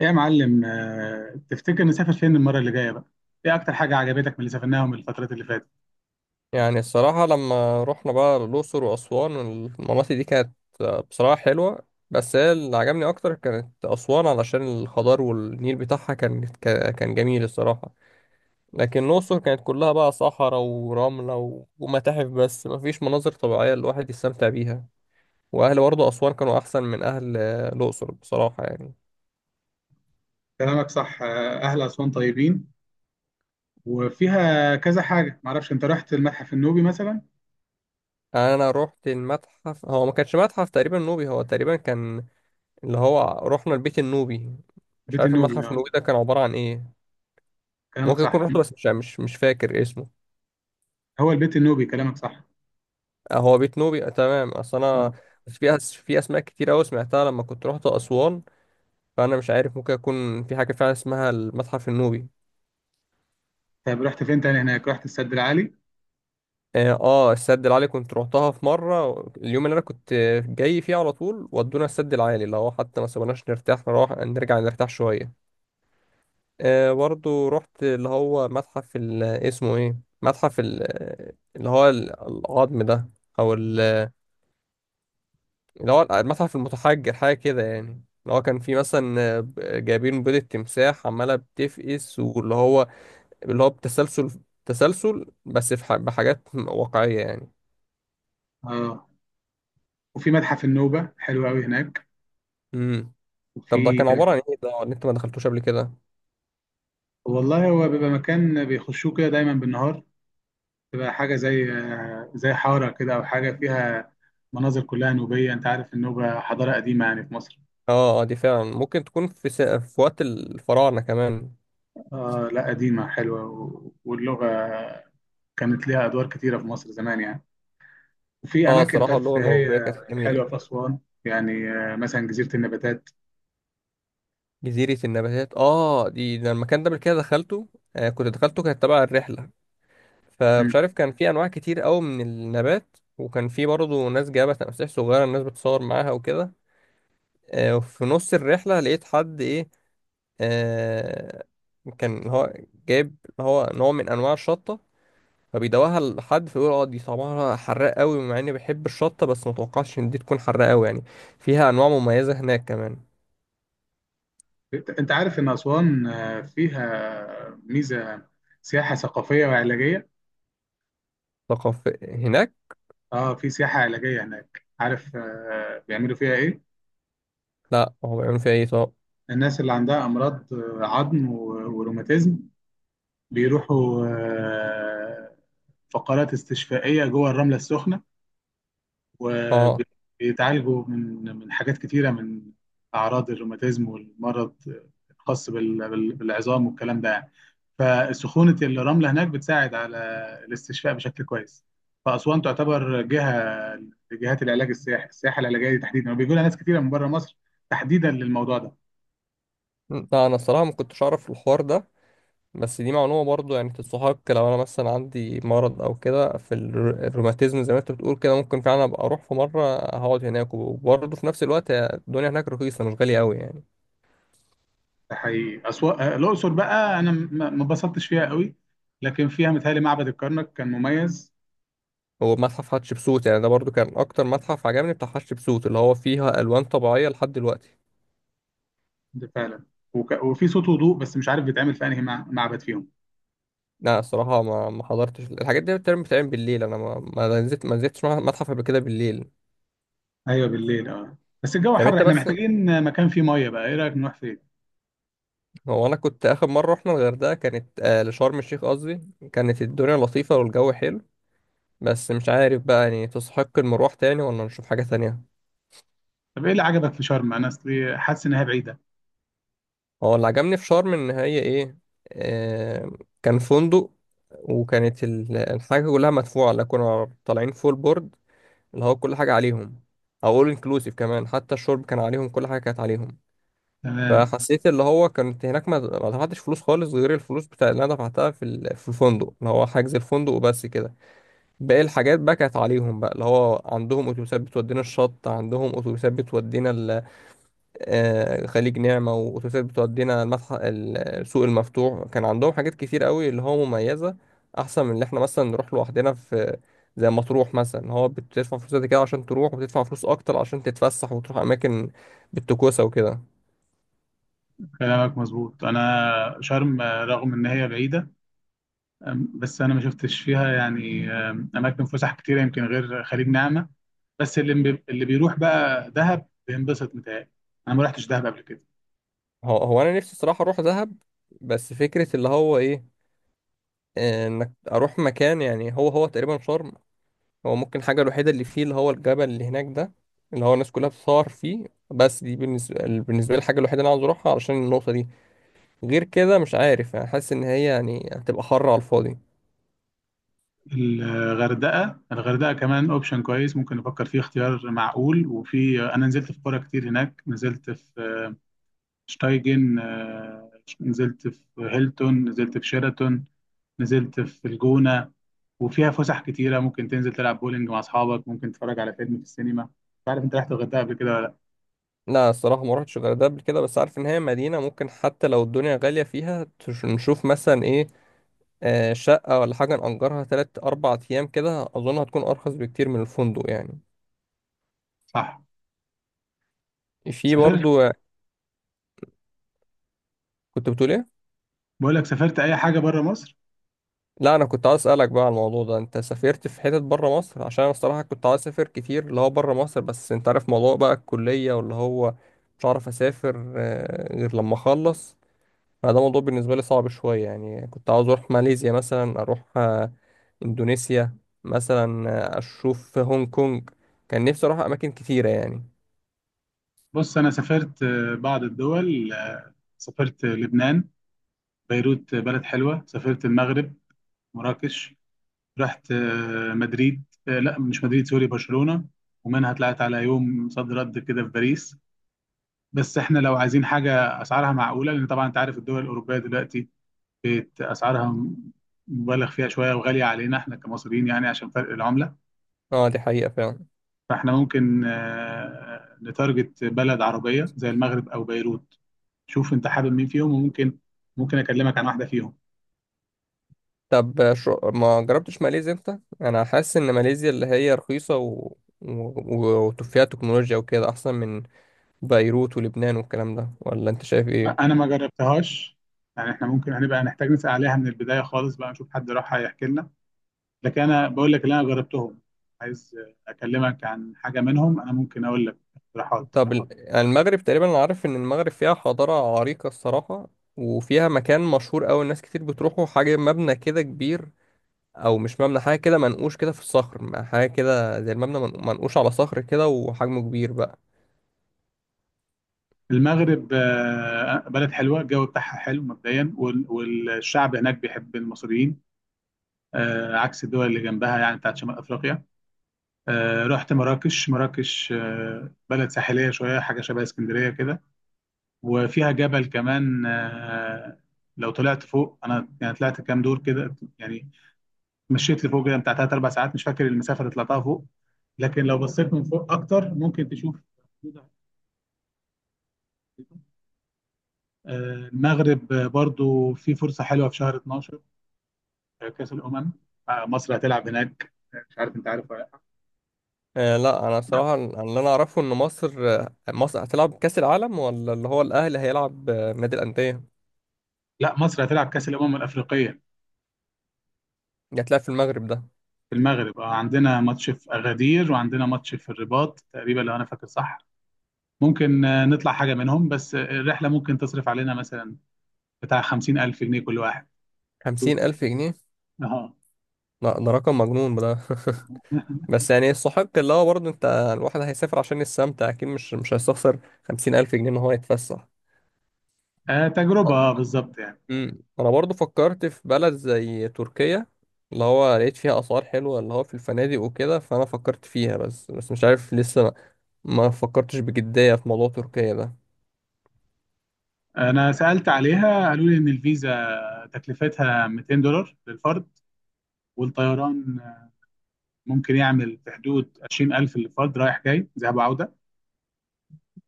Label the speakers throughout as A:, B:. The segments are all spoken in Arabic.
A: إيه يا معلم، تفتكر نسافر فين المرة اللي جاية بقى؟ ايه أكتر حاجة عجبتك من اللي سافرناها من الفترات اللي فاتت؟
B: يعني الصراحة لما رحنا بقى الأقصر وأسوان، المناطق دي كانت بصراحة حلوة. بس هي اللي عجبني أكتر كانت أسوان، علشان الخضار والنيل بتاعها كان كان جميل الصراحة. لكن الأقصر كانت كلها بقى صحراء ورملة ومتاحف، بس مفيش مناظر طبيعية الواحد يستمتع بيها. وأهل برضه أسوان كانوا أحسن من أهل الأقصر بصراحة يعني.
A: كلامك صح. أهل أسوان طيبين، وفيها كذا حاجة. معرفش، أنت رحت المتحف النوبي مثلا؟
B: أنا رحت المتحف، هو ما كانش متحف تقريبا نوبي، هو تقريبا كان اللي هو رحنا البيت النوبي. مش
A: بيت
B: عارف
A: النوبي،
B: المتحف
A: أه.
B: النوبي ده كان عبارة عن إيه.
A: كلامك
B: ممكن اكون
A: صح.
B: رحت بس مش فاكر اسمه.
A: هو البيت النوبي، كلامك صح،
B: آه، هو بيت نوبي، آه، تمام. اصل انا
A: أه.
B: بس في في اسماء كتير قوي سمعتها لما كنت رحت اسوان، فانا مش عارف ممكن اكون في حاجه فعلا اسمها المتحف النوبي.
A: طيب رحت فين تاني هناك؟ رحت السد العالي؟
B: اه، آه، السد العالي كنت روحتها في مره، اليوم اللي انا كنت جاي فيه على طول ودونا السد العالي، اللي هو حتى ما سابوناش نرتاح نروح نرجع نرتاح شويه. آه برضو رحت اللي هو متحف اسمه ايه، متحف اللي هو العظم ده، او اللي هو المتحف المتحجر حاجة كده يعني. اللي هو كان في مثلا جايبين بيضة تمساح عمالة بتفقس، واللي هو اللي هو بتسلسل تسلسل، بس في بحاجات واقعية يعني.
A: أه. وفي متحف النوبة حلو أوي هناك.
B: امم طب ده
A: وفي
B: كان عبارة عن ايه ده اللي انت ما دخلتوش قبل كده.
A: والله هو بيبقى مكان بيخشوه كده دايما بالنهار، تبقى حاجة زي زي حارة كده، أو حاجة فيها مناظر كلها نوبية. أنت عارف النوبة حضارة قديمة يعني في مصر.
B: اه، آه، دي فعلا ممكن تكون في في وقت الفراعنة كمان.
A: آه لا، قديمة حلوة، واللغة كانت ليها أدوار كتيرة في مصر زمان يعني. وفي
B: اه،
A: أماكن
B: صراحة اللغة النوبية
A: ترفيهية
B: كانت جميلة.
A: حلوة في أسوان، يعني مثلا جزيرة النباتات.
B: جزيرة النباتات، اه دي، ده المكان ده قبل كده دخلته، آه كنت دخلته، كانت تبع الرحلة. فمش
A: مم.
B: عارف، كان في انواع كتير قوي من النبات، وكان في برضه ناس جايبه تماسيح صغيره الناس بتصور معاها وكده. وفي نص الرحله لقيت حد ايه، آه كان هو جايب هو نوع من انواع الشطه، فبيدوقها لحد فيقول اه دي طعمها حراق قوي، مع اني بحب الشطه بس ما توقعتش ان دي تكون حراق قوي يعني. فيها انواع مميزه هناك كمان.
A: أنت عارف إن أسوان فيها ميزة سياحة ثقافية وعلاجية.
B: ثقافه هناك.
A: آه، في سياحة علاجية هناك. عارف بيعملوا فيها إيه؟
B: لا، هو بيعملوا فيها ايه طب.
A: الناس اللي عندها أمراض عظم وروماتيزم بيروحوا فقرات استشفائية جوه الرملة السخنة،
B: اه،
A: وبيتعالجوا من حاجات كتيرة، من أعراض الروماتيزم والمرض الخاص بالعظام والكلام ده يعني. فسخونة الرملة هناك بتساعد على الاستشفاء بشكل كويس. فأسوان تعتبر جهة لجهات العلاج السياحي، السياحة العلاجية دي تحديدا، وبيجوا لها ناس كتيرة من بره مصر تحديدا للموضوع ده.
B: لا انا الصراحه ما كنتش اعرف الحوار ده. بس دي معلومة برضو يعني تستحق، لو أنا مثلا عندي مرض أو كده في الروماتيزم زي ما أنت بتقول كده، ممكن فعلا أبقى أروح في مرة هقعد هناك، وبرضه في نفس الوقت الدنيا هناك رخيصة مش غالية أوي يعني.
A: ده حقيقي. أسوأ الأقصر بقى، أنا ما اتبسطتش فيها قوي، لكن فيها متهيألي معبد الكرنك كان مميز.
B: هو متحف حتشبسوت، يعني ده برضو كان أكتر متحف عجبني، بتاع حتشبسوت اللي هو فيها ألوان طبيعية لحد دلوقتي.
A: ده فعلا. وفي صوت وضوء، بس مش عارف بيتعمل في أنهي معبد فيهم.
B: لا الصراحة ما حضرتش، الحاجات دي بتعمل بتعمل بالليل، أنا ما نزلتش متحف قبل كده بالليل.
A: أيوه بالليل، أه. بس الجو
B: طب
A: حر،
B: أنت
A: إحنا
B: بس،
A: محتاجين مكان فيه مية بقى. إيه رأيك نروح فين؟
B: هو أنا كنت آخر مرة رحنا الغردقة، كانت آه لشرم الشيخ قصدي. كانت الدنيا لطيفة والجو حلو، بس مش عارف بقى يعني تستحق المروح تاني ولا نشوف حاجة تانية.
A: طب إيه اللي عجبك في شرم؟ أنا أصلي حاسس إنها بعيدة.
B: هو اللي عجبني في شرم إن هي إيه، آه، كان فندق، وكانت الحاجة كلها مدفوعة، لا كنا طالعين فول بورد، اللي هو كل حاجة عليهم. أو أول إنكلوسيف كمان، حتى الشرب كان عليهم، كل حاجة كانت عليهم.
A: تمام.
B: فحسيت اللي هو كانت هناك ما دفعتش فلوس خالص، غير الفلوس بتاع اللي أنا دفعتها في في الفندق، اللي هو حجز الفندق وبس كده. باقي الحاجات بقى كانت عليهم بقى، اللي هو عندهم أتوبيسات بتودينا الشط، عندهم أتوبيسات بتودينا آه، خليج نعمة، وأتوبيسات بتودينا المتحف، السوق المفتوح، كان عندهم حاجات كتير قوي اللي هو مميزة. أحسن من اللي احنا مثلا نروح لوحدنا، في زي مطروح مثلا هو بتدفع فلوس قد كده عشان تروح، وبتدفع فلوس أكتر عشان تتفسح وتروح أماكن بالتكوسة وكده.
A: كلامك مظبوط. أنا شرم رغم إن هي بعيدة، آم، بس أنا ما شفتش فيها يعني آم، أماكن فسح كتيرة يمكن غير خليج نعمة. بس اللي بيروح بقى دهب بينبسط متهيألي. انا ما رحتش دهب قبل كده.
B: هو أنا نفسي الصراحة أروح دهب، بس فكرة اللي هو إيه، آه، إنك أروح مكان يعني هو تقريبا شرم. هو ممكن الحاجة الوحيدة اللي فيه اللي هو الجبل اللي هناك ده، اللي هو الناس كلها بتصور فيه، بس دي بالنسبة لي الحاجة الوحيدة اللي أنا عاوز أروحها علشان النقطة دي. غير كده مش عارف، يعني حاسس إن هي يعني هتبقى حر على الفاضي.
A: الغردقه كمان اوبشن كويس، ممكن نفكر فيه. اختيار معقول. وفي، انا نزلت في قرى كتير هناك. نزلت في شتايجن، نزلت في هيلتون، نزلت في شيراتون، نزلت في الجونه. وفيها فسح كتيره، ممكن تنزل تلعب بولينج مع اصحابك، ممكن تتفرج على فيلم في السينما. مش عارف انت رحت الغردقه قبل كده ولا لا.
B: لا الصراحة ما رحتش غير ده قبل كده، بس عارف إن هي مدينة، ممكن حتى لو الدنيا غالية فيها نشوف مثلا إيه، آه، شقة ولا حاجة نأجرها 3 4 أيام كده، أظن هتكون أرخص بكتير من الفندق يعني.
A: صح.
B: في
A: سافرت؟
B: برضو. كنت بتقول إيه؟
A: بقول لك، سافرت اي حاجه بره مصر؟
B: لا انا كنت عايز اسالك بقى على الموضوع ده، انت سافرت في حتت بره مصر؟ عشان انا الصراحه كنت عايز اسافر كتير اللي هو بره مصر، بس انت عارف موضوع بقى الكليه واللي هو، مش عارف اسافر غير لما اخلص. فده موضوع بالنسبه لي صعب شويه يعني. كنت عاوز اروح ماليزيا مثلا، اروح اندونيسيا مثلا، اشوف هونج كونج. كان نفسي اروح اماكن كتيره يعني.
A: بص، أنا سافرت بعض الدول. سافرت لبنان، بيروت، بلد حلوة. سافرت المغرب، مراكش. رحت مدريد، لا مش مدريد، سوري، برشلونة، ومنها طلعت على يوم صد رد كده في باريس. بس احنا لو عايزين حاجة أسعارها معقولة، لأن طبعا أنت عارف الدول الأوروبية دلوقتي بقت أسعارها مبالغ فيها شوية، وغالية علينا احنا كمصريين يعني عشان فرق العملة.
B: اه دي حقيقه فعلا.
A: فاحنا ممكن نتارجت بلد عربية زي المغرب أو بيروت. شوف انت حابب مين فيهم، وممكن اكلمك عن واحده فيهم.
B: طب شو ما جربتش ماليزيا انت؟ انا حاسس ان ماليزيا اللي هي رخيصه، و... و... وفيها تكنولوجيا وكده احسن من بيروت ولبنان والكلام ده، ولا انت شايف ايه؟
A: انا ما جربتهاش، يعني احنا ممكن هنبقى نحتاج نسال عليها من البدايه خالص بقى، نشوف حد راح هيحكي لنا. لكن انا بقول لك اللي انا جربتهم، عايز اكلمك عن حاجه منهم، انا ممكن اقول لك اقتراحات.
B: طب يعني المغرب تقريبا، انا عارف ان المغرب فيها حضاره عريقه الصراحه. وفيها مكان مشهور قوي الناس كتير بتروحوا، حاجه مبنى كده كبير، او مش مبنى، حاجه كده منقوش كده في الصخر، حاجه كده زي المبنى منقوش على صخر كده، وحجمه كبير بقى.
A: المغرب بلد حلوه، الجو بتاعها حلو مبدئيا، والشعب هناك بيحب المصريين، عكس الدول اللي جنبها يعني بتاعت شمال افريقيا. رحت مراكش. بلد ساحليه شويه، حاجه شبه اسكندريه كده. وفيها جبل كمان، لو طلعت فوق. انا يعني طلعت كام دور كده يعني، مشيت لفوق كده بتاع ثلاث اربع ساعات، مش فاكر المسافه اللي طلعتها فوق. لكن لو بصيت من فوق اكتر، ممكن تشوف حدود على الخريطة. المغرب برضو في فرصه حلوه في شهر 12. كاس الامم، مصر هتلعب هناك. مش عارف انت عارف ولا لا.
B: آه، لا انا صراحه اللي انا اعرفه ان مصر مصر هتلعب كاس العالم، ولا اللي هو الاهلي هيلعب آه، نادي الانديه.
A: لا، مصر هتلعب كاس الامم الافريقيه
B: اللي هتلعب في المغرب ده.
A: في المغرب. عندنا ماتش في اغادير، وعندنا ماتش في الرباط تقريبا لو انا فاكر صح. ممكن نطلع حاجة منهم، بس الرحلة ممكن تصرف علينا مثلا بتاع 50000 جنيه كل واحد.
B: 50000 جنيه؟
A: اه،
B: لا ده رقم مجنون ده. بس يعني يستحق، اللي هو برضه انت الواحد هيسافر عشان يستمتع اكيد، مش هيستخسر 50000 جنيه ان هو يتفسح.
A: تجربة بالظبط يعني.
B: انا برضه فكرت في بلد زي تركيا، اللي هو لقيت فيها اسعار حلوه اللي هو في الفنادق وكده، فانا فكرت فيها، بس مش عارف لسه ما فكرتش بجديه في موضوع تركيا ده.
A: أنا سألت عليها، قالوا لي إن الفيزا تكلفتها 200 دولار للفرد، والطيران ممكن يعمل في حدود 20000 للفرد، رايح جاي، ذهاب وعودة.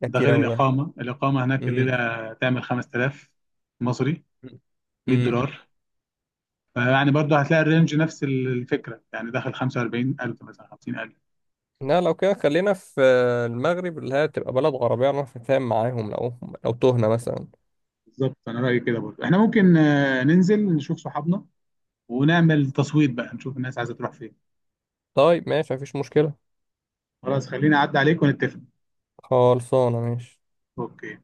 B: ده
A: ده
B: كتير
A: غير
B: أوي ده.
A: الإقامة. هناك الليلة
B: امم
A: تعمل 5000 مصري، 100
B: امم
A: دولار فيعني برضه هتلاقي الرينج نفس الفكرة، يعني داخل 45000 مثلا، 50000.
B: لا لو كده خلينا في المغرب، اللي هي تبقى بلد عربية نعرف نتفاهم معاهم، لو تهنا مثلا.
A: بالظبط. انا رايي كده برضه، احنا ممكن ننزل نشوف صحابنا، ونعمل تصويت بقى، نشوف الناس عايزه تروح فين.
B: طيب ماشي مفيش مشكلة.
A: خلاص، خليني اعدي عليك ونتفق.
B: خلصانة ماشي.
A: اوكي.